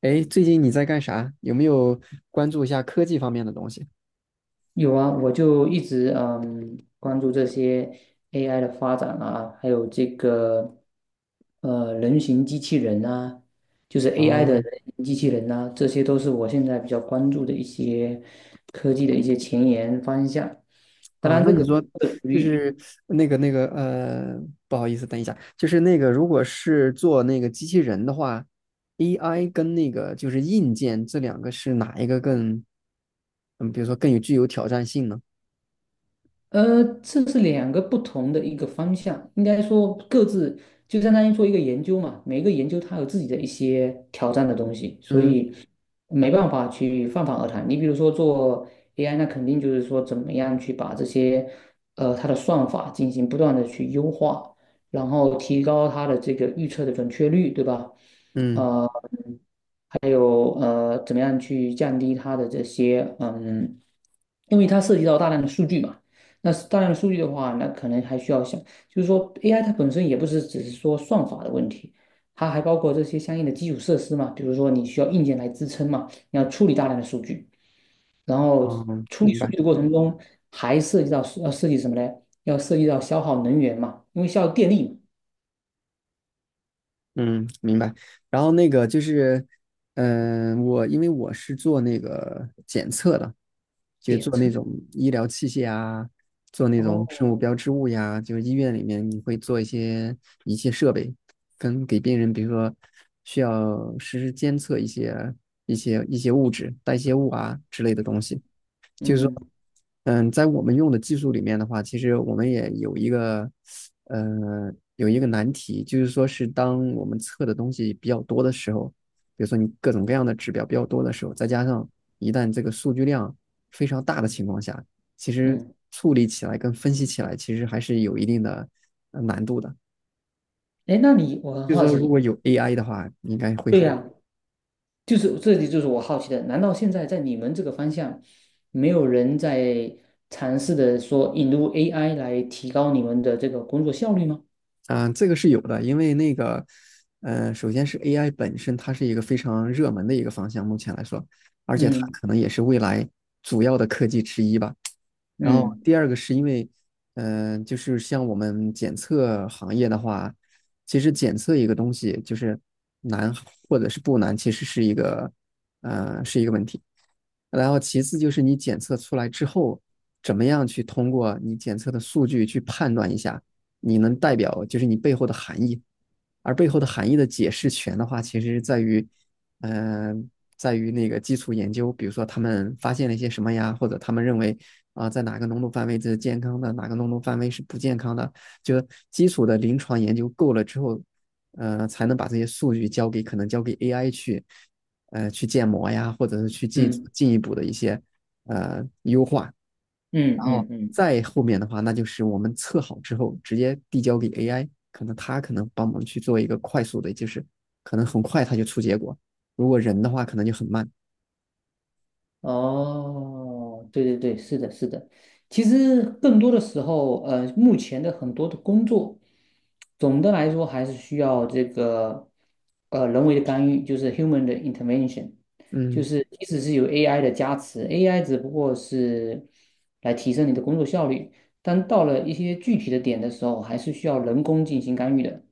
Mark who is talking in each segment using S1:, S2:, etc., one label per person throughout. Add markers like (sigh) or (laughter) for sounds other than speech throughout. S1: 哎，最近你在干啥？有没有关注一下科技方面的东西？
S2: 有啊，我就一直关注这些 AI 的发展啊，还有这个人形机器人啊，就是
S1: 啊，
S2: AI 的人形机器人呐、这些都是我现在比较关注的一些科技的一些前沿方向。当
S1: 啊，
S2: 然，
S1: 那
S2: 这
S1: 你
S2: 个
S1: 说
S2: 这个属
S1: 就
S2: 于
S1: 是那个那个呃，不好意思，等一下，就是那个如果是做那个机器人的话，AI 跟那个就是硬件这两个是哪一个更比如说更有具有挑战性呢？
S2: 呃，这是两个不同的一个方向，应该说各自就相当于做一个研究嘛，每个研究它有自己的一些挑战的东西，所
S1: 嗯
S2: 以没办法去泛泛而谈。你比如说做 AI，那肯定就是说怎么样去把这些它的算法进行不断的去优化，然后提高它的这个预测的准确率，对吧？
S1: 嗯，
S2: 呃还有，怎么样去降低它的这些因为它涉及到大量的数据嘛。那是大量的数据的话，那可能还需要想，就是说 AI 它本身也不是只是说算法的问题，它还包括这些相应的基础设施嘛，比如说你需要硬件来支撑嘛，你要处理大量的数据，然后
S1: 嗯，
S2: 处理
S1: 明
S2: 数
S1: 白，
S2: 据的过程中还涉及到要涉及什么呢？要涉及到消耗能源嘛，因为消耗电力嘛，
S1: 嗯明白。然后那个就是，我因为我是做那个检测的。就
S2: 电
S1: 做那
S2: 车。
S1: 种医疗器械啊，做那种
S2: 哦，
S1: 生物标志物呀，就是医院里面你会做一些仪器设备，跟给病人，比如说需要实时监测一些物质、代谢物啊之类的东西，就是说。
S2: 嗯
S1: 嗯，在我们用的技术里面的话，其实我们也有一个，有一个难题，就是说是当我们测的东西比较多的时候，比如说你各种各样的指标比较多的时候，再加上一旦这个数据量非常大的情况下，其实
S2: 嗯，
S1: 处理起来跟分析起来其实还是有一定的难度的。
S2: 哎，那你我很
S1: 就是
S2: 好
S1: 说，如
S2: 奇，
S1: 果有 AI 的话，应该会
S2: 对
S1: 很
S2: 呀、就是这里就是我好奇的，难道现在在你们这个方向，没有人在尝试的说引入 AI 来提高你们的这个工作效率吗？
S1: 嗯、这个是有的，因为那个，首先是 AI 本身，它是一个非常热门的一个方向，目前来说，而且它
S2: 嗯
S1: 可能也是未来主要的科技之一吧。然后
S2: 嗯
S1: 第二个是因为，就是像我们检测行业的话，其实检测一个东西就是难或者是不难，其实是一个，是一个问题。然后其次就是你检测出来之后，怎么样去通过你检测的数据去判断一下，你能代表就是你背后的含义。而背后的含义的解释权的话，其实是在于。嗯、呃在于那个基础研究，比如说他们发现了一些什么呀，或者他们认为在哪个浓度范围这是健康的，哪个浓度范围是不健康的，就基础的临床研究够了之后，才能把这些数据交给可能交给 AI 去，去建模呀，或者是去进
S2: 嗯
S1: 进一步的一些优化。
S2: 嗯
S1: 然
S2: 嗯
S1: 后
S2: 嗯嗯。
S1: 再后面的话，那就是我们测好之后直接递交给 AI,可能它可能帮忙去做一个快速的，就是可能很快它就出结果。如果人的话，可能就很慢。
S2: 哦，对对对，是的，是的。其实更多的时候，目前的很多的工作，总的来说还是需要这个人为的干预，就是 human 的 intervention，就
S1: 嗯。
S2: 是即使是有 AI 的加持，AI 只不过是来提升你的工作效率，但到了一些具体的点的时候，还是需要人工进行干预的。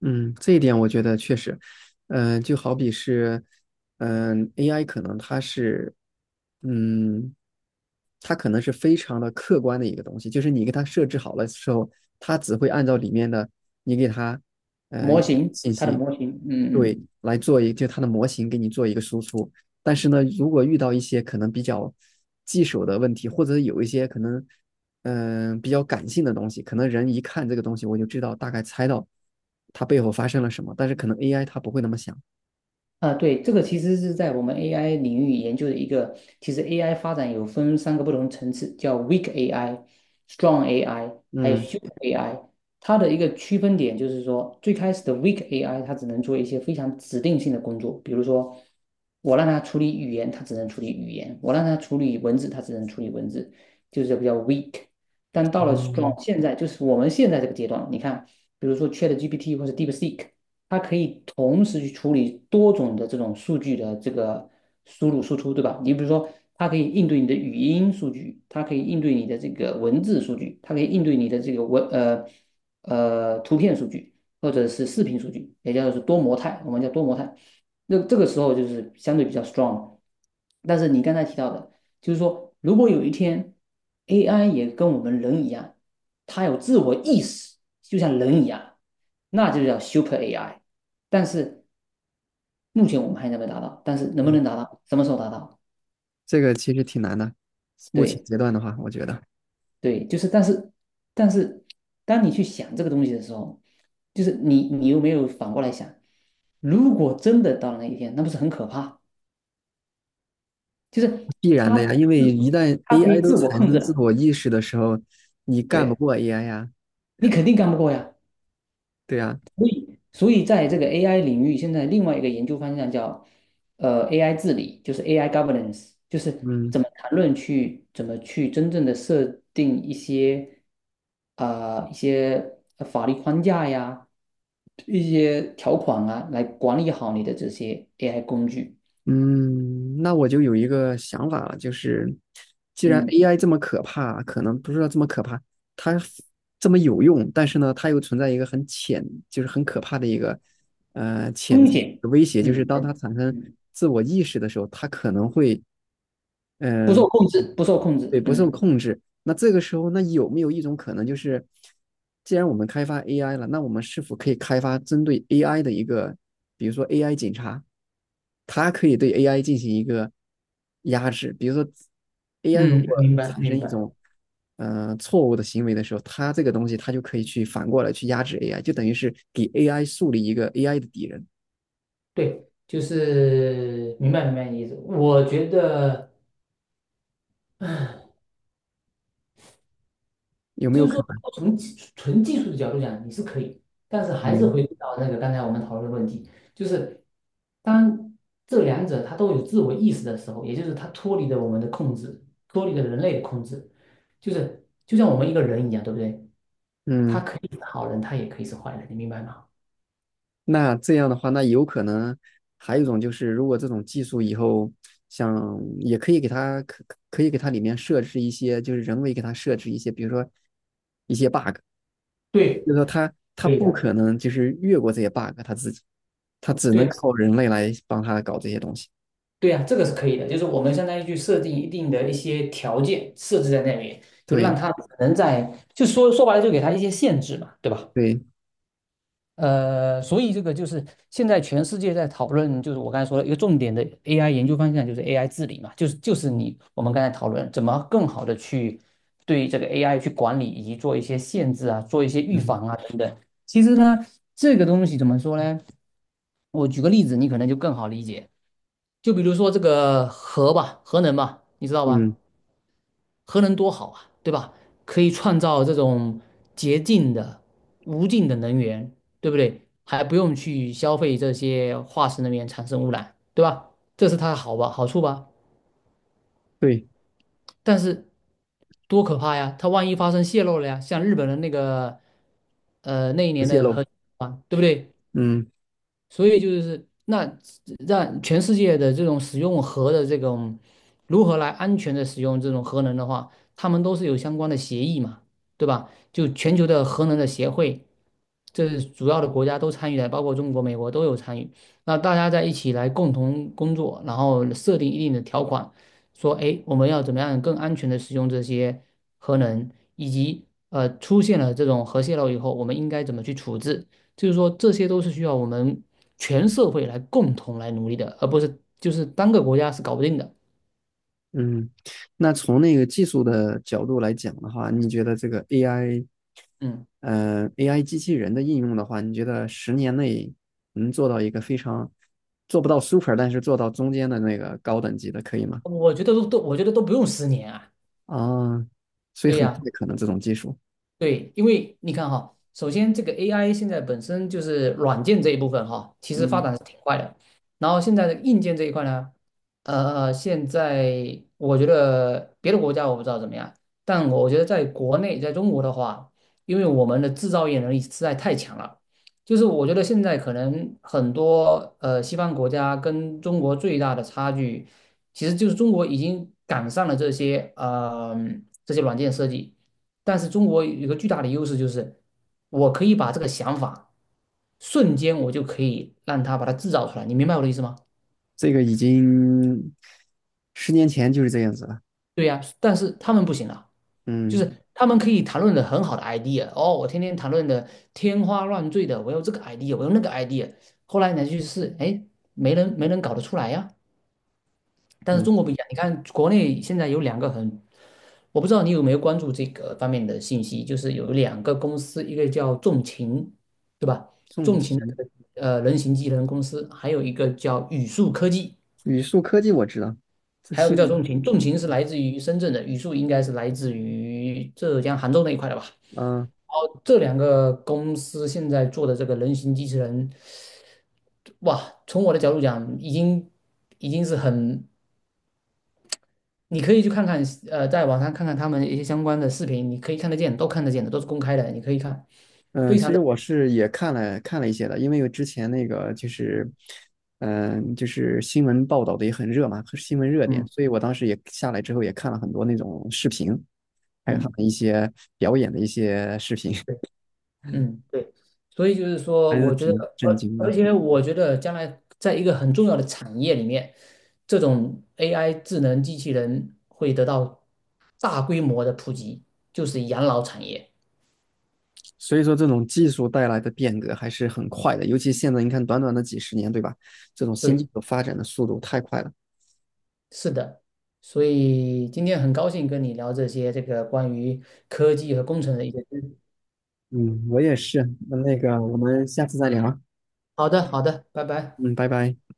S1: 嗯，这一点我觉得确实，就好比是，a i 可能它是，嗯，它可能是非常的客观的一个东西，就是你给它设置好了之后，它只会按照里面的你给它，呃，
S2: 模型，
S1: 信
S2: 它的
S1: 息，
S2: 模型，嗯
S1: 对，
S2: 嗯，
S1: 来做一就它的模型给你做一个输出。但是呢，如果遇到一些可能比较棘手的问题，或者有一些可能比较感性的东西，可能人一看这个东西，我就知道大概猜到它背后发生了什么，但是可能 AI 它不会那么想。
S2: 啊，对，这个其实是在我们 AI 领域研究的一个，其实 AI 发展有分三个不同层次，叫 weak AI、strong AI，还有
S1: 嗯，
S2: s u p e r AI。它的一个区分点就是说，最开始的 weak AI 它只能做一些非常指定性的工作，比如说我让它处理语言，它只能处理语言；我让它处理文字，它只能处理文字，就是比较 weak。但到了
S1: 哦，
S2: strong，现在就是我们现在这个阶段，你看，比如说 ChatGPT 或者 DeepSeek。它可以同时去处理多种的这种数据的这个输入输出，对吧？你比如说，它可以应对你的语音数据，它可以应对你的这个文字数据，它可以应对你的这个图片数据或者是视频数据，也叫做是多模态，我们叫多模态。那这个时候就是相对比较 strong。但是你刚才提到的。就是说，如果有一天 AI 也跟我们人一样，它有自我意识，就像人一样，那就叫 Super AI。但是目前我们还没有达到，但是能不
S1: 嗯，
S2: 能达到，什么时候达到？
S1: 这个其实挺难的。目前
S2: 对
S1: 阶段的话，我觉得
S2: 对，就是但是，当你去想这个东西的时候，就是你有没有反过来想，如果真的到了那一天，那不是很可怕？就是
S1: (laughs) 必然
S2: 它
S1: 的呀，因为一旦
S2: 它可以
S1: AI 都
S2: 自我
S1: 产
S2: 控
S1: 生
S2: 制
S1: 自
S2: 的，
S1: 我意识的时候，你
S2: 对
S1: 干
S2: 呀，
S1: 不过 AI 呀，
S2: 你肯定干不过呀。
S1: 对呀，
S2: 所以在这个 AI 领域，现在另外一个研究方向叫AI 治理，就是 AI governance，就是怎
S1: 嗯。
S2: 么谈论去怎么去真正的设定一些啊、一些法律框架呀，一些条款啊，来管理好你的这些 AI 工具。
S1: 嗯，那我就有一个想法了，就是既然
S2: 嗯，
S1: AI 这么可怕，可能不是说这么可怕，它这么有用，但是呢，它又存在一个很潜，就是很可怕的一个潜
S2: 风
S1: 在
S2: 险，
S1: 的威胁，就
S2: 嗯
S1: 是当
S2: 嗯，
S1: 它产生
S2: 嗯，
S1: 自我意识的时候，它可能会
S2: 不
S1: 嗯、
S2: 受控制，不受控
S1: 对，
S2: 制，
S1: 不受
S2: 嗯
S1: 控制，那这个时候，那有没有一种可能，就是既然我们开发 AI 了，那我们是否可以开发针对 AI 的一个，比如说 AI 警察，它可以对 AI 进行一个压制，比如说 AI 如
S2: 嗯，
S1: 果
S2: 明白
S1: 产生
S2: 明
S1: 一
S2: 白，
S1: 种错误的行为的时候，它这个东西它就可以去反过来去压制 AI,就等于是给 AI 树立一个 AI 的敌人，
S2: 对，就是明白明白你的意思。我觉得，(clears throat) 唉，
S1: 有没
S2: 就
S1: 有
S2: 是
S1: 可
S2: 说，
S1: 能？
S2: 从技术的角度讲，你是可以，但是还是
S1: 嗯
S2: 回归到那个刚才我们讨论的问题，就是当这两者它都有自我意识的时候，也就是它脱离了我们的控制，脱离了人类的控制，就是就像我们一个人一样，对不对？他
S1: 嗯。
S2: 可以是好人，他也可以是坏人，你明白吗？
S1: 那这样的话，那有可能还有一种就是，如果这种技术以后想，也可以给它可以给它里面设置一些，就是人为给它设置一些，比如说，
S2: 对，
S1: 就是说它
S2: 可以
S1: 不
S2: 的，
S1: 可能就是越过这些 bug,它自己，它只
S2: 对
S1: 能
S2: 呀，
S1: 靠人类来帮它搞这些东西。
S2: 对呀，这个是可以的，就是我们相当于去设定一定的一些条件设置在那里，就让
S1: 对
S2: 他只能在，就说说白了，就给他一些限制嘛，对吧？
S1: 对，
S2: 所以这个就是现在全世界在讨论，就是我刚才说的一个重点的 AI 研究方向，就是 AI 治理嘛，就是你我们刚才讨论怎么更好的去对这个 AI 去管理，以及做一些限制啊，做一些预
S1: 嗯
S2: 防啊等等。其实呢，这个东西怎么说呢？我举个例子，你可能就更好理解。就比如说这个核吧，核能吧，你知道吧？
S1: 嗯，
S2: 核能多好啊，对吧？可以创造这种洁净的、无尽的能源，对不对？还不用去消费这些化石能源产生污染，对吧？这是它的好吧，好处吧？
S1: 对，
S2: 但是多可怕呀！它万一发生泄漏了呀，像日本的那个，那一
S1: 不
S2: 年
S1: 泄
S2: 的
S1: 露，
S2: 核啊，对不对？
S1: 嗯
S2: 所以就是那让全世界的这种使用核的这种如何来安全的使用这种核能的话，他们都是有相关的协议嘛，对吧？就全球的核能的协会，这是主要的国家都参与了，包括中国、美国都有参与。那大家在一起来共同工作，然后设定一定的条款，说，哎，我们要怎么样更安全的使用这些核能，以及出现了这种核泄漏以后，我们应该怎么去处置。就是说，这些都是需要我们全社会来共同来努力的，而不是就是单个国家是搞不定的。
S1: 嗯。那从那个技术的角度来讲的话，你觉得这个 AI
S2: 嗯，
S1: 嗯 a i 机器人的应用的话，你觉得10年内能做到一个非常做不到 super,但是做到中间的那个高等级的，可以吗？
S2: 我觉得都，我觉得都不用10年啊。
S1: 啊，所以
S2: 对
S1: 很快
S2: 呀、
S1: 可能这种技术，
S2: 对，因为你看哈，首先这个 AI 现在本身就是软件这一部分哈，其实发
S1: 嗯，
S2: 展是挺快的。然后现在的硬件这一块呢，现在我觉得别的国家我不知道怎么样，但我觉得在国内，在中国的话，因为我们的制造业能力实在太强了，就是我觉得现在可能很多西方国家跟中国最大的差距，其实就是中国已经赶上了这些软件设计。但是中国有个巨大的优势就是，我可以把这个想法瞬间我就可以让他把它制造出来，你明白我的意思吗？
S1: 这个已经10年前就是这样子了，
S2: 对呀，但是他们不行啊，就
S1: 嗯
S2: 是他们可以谈论的很好的 idea，哦，我天天谈论的天花乱坠的，我有这个 idea，我有那个 idea，后来呢去试，哎，没人搞得出来呀、但是
S1: 嗯，
S2: 中国不一样，你看国内现在有两个很，我不知道你有没有关注这个方面的信息，就是有两个公司，一个叫重秦，对吧？
S1: 重
S2: 重秦的
S1: 情
S2: 这个人形机器人公司，还有一个叫宇树科技，
S1: 语数科技我知道，自
S2: 还有一个叫
S1: 信
S2: 重秦。重秦是来自于深圳的，宇树应该是来自于浙江杭州那一块的吧？
S1: 嗯、啊
S2: 哦，这两个公司现在做的这个人形机器人，哇，从我的角度讲，已经是很，你可以去看看，在网上看看他们一些相关的视频，你可以看得见，都看得见的，都是公开的，你可以看，
S1: 嗯，
S2: 非
S1: 其
S2: 常
S1: 实
S2: 的，
S1: 我是也看了一些的，因为之前那个就是，就是新闻报道的也很热嘛，新闻热点，
S2: 嗯
S1: 所以我当时也下来之后也看了很多那种视频，还有他
S2: 嗯，
S1: 们一些表演的一些视频，
S2: 对，嗯，对，所以就是
S1: (laughs)
S2: 说，
S1: 还是
S2: 我觉得，
S1: 挺震惊
S2: 而
S1: 的。
S2: 且我觉得将来在一个很重要的产业里面，这种 AI 智能机器人会得到大规模的普及，就是养老产业。
S1: 所以说，这种技术带来的变革还是很快的，尤其现在你看，短短的几十年，对吧？这种新
S2: 对，
S1: 技术发展的速度太快了。
S2: 是的，所以今天很高兴跟你聊这些这个关于科技和工程的一些知识。
S1: 嗯，我也是。那个，我们下次再聊啊。
S2: 好的，好的，拜拜。
S1: 嗯，拜拜。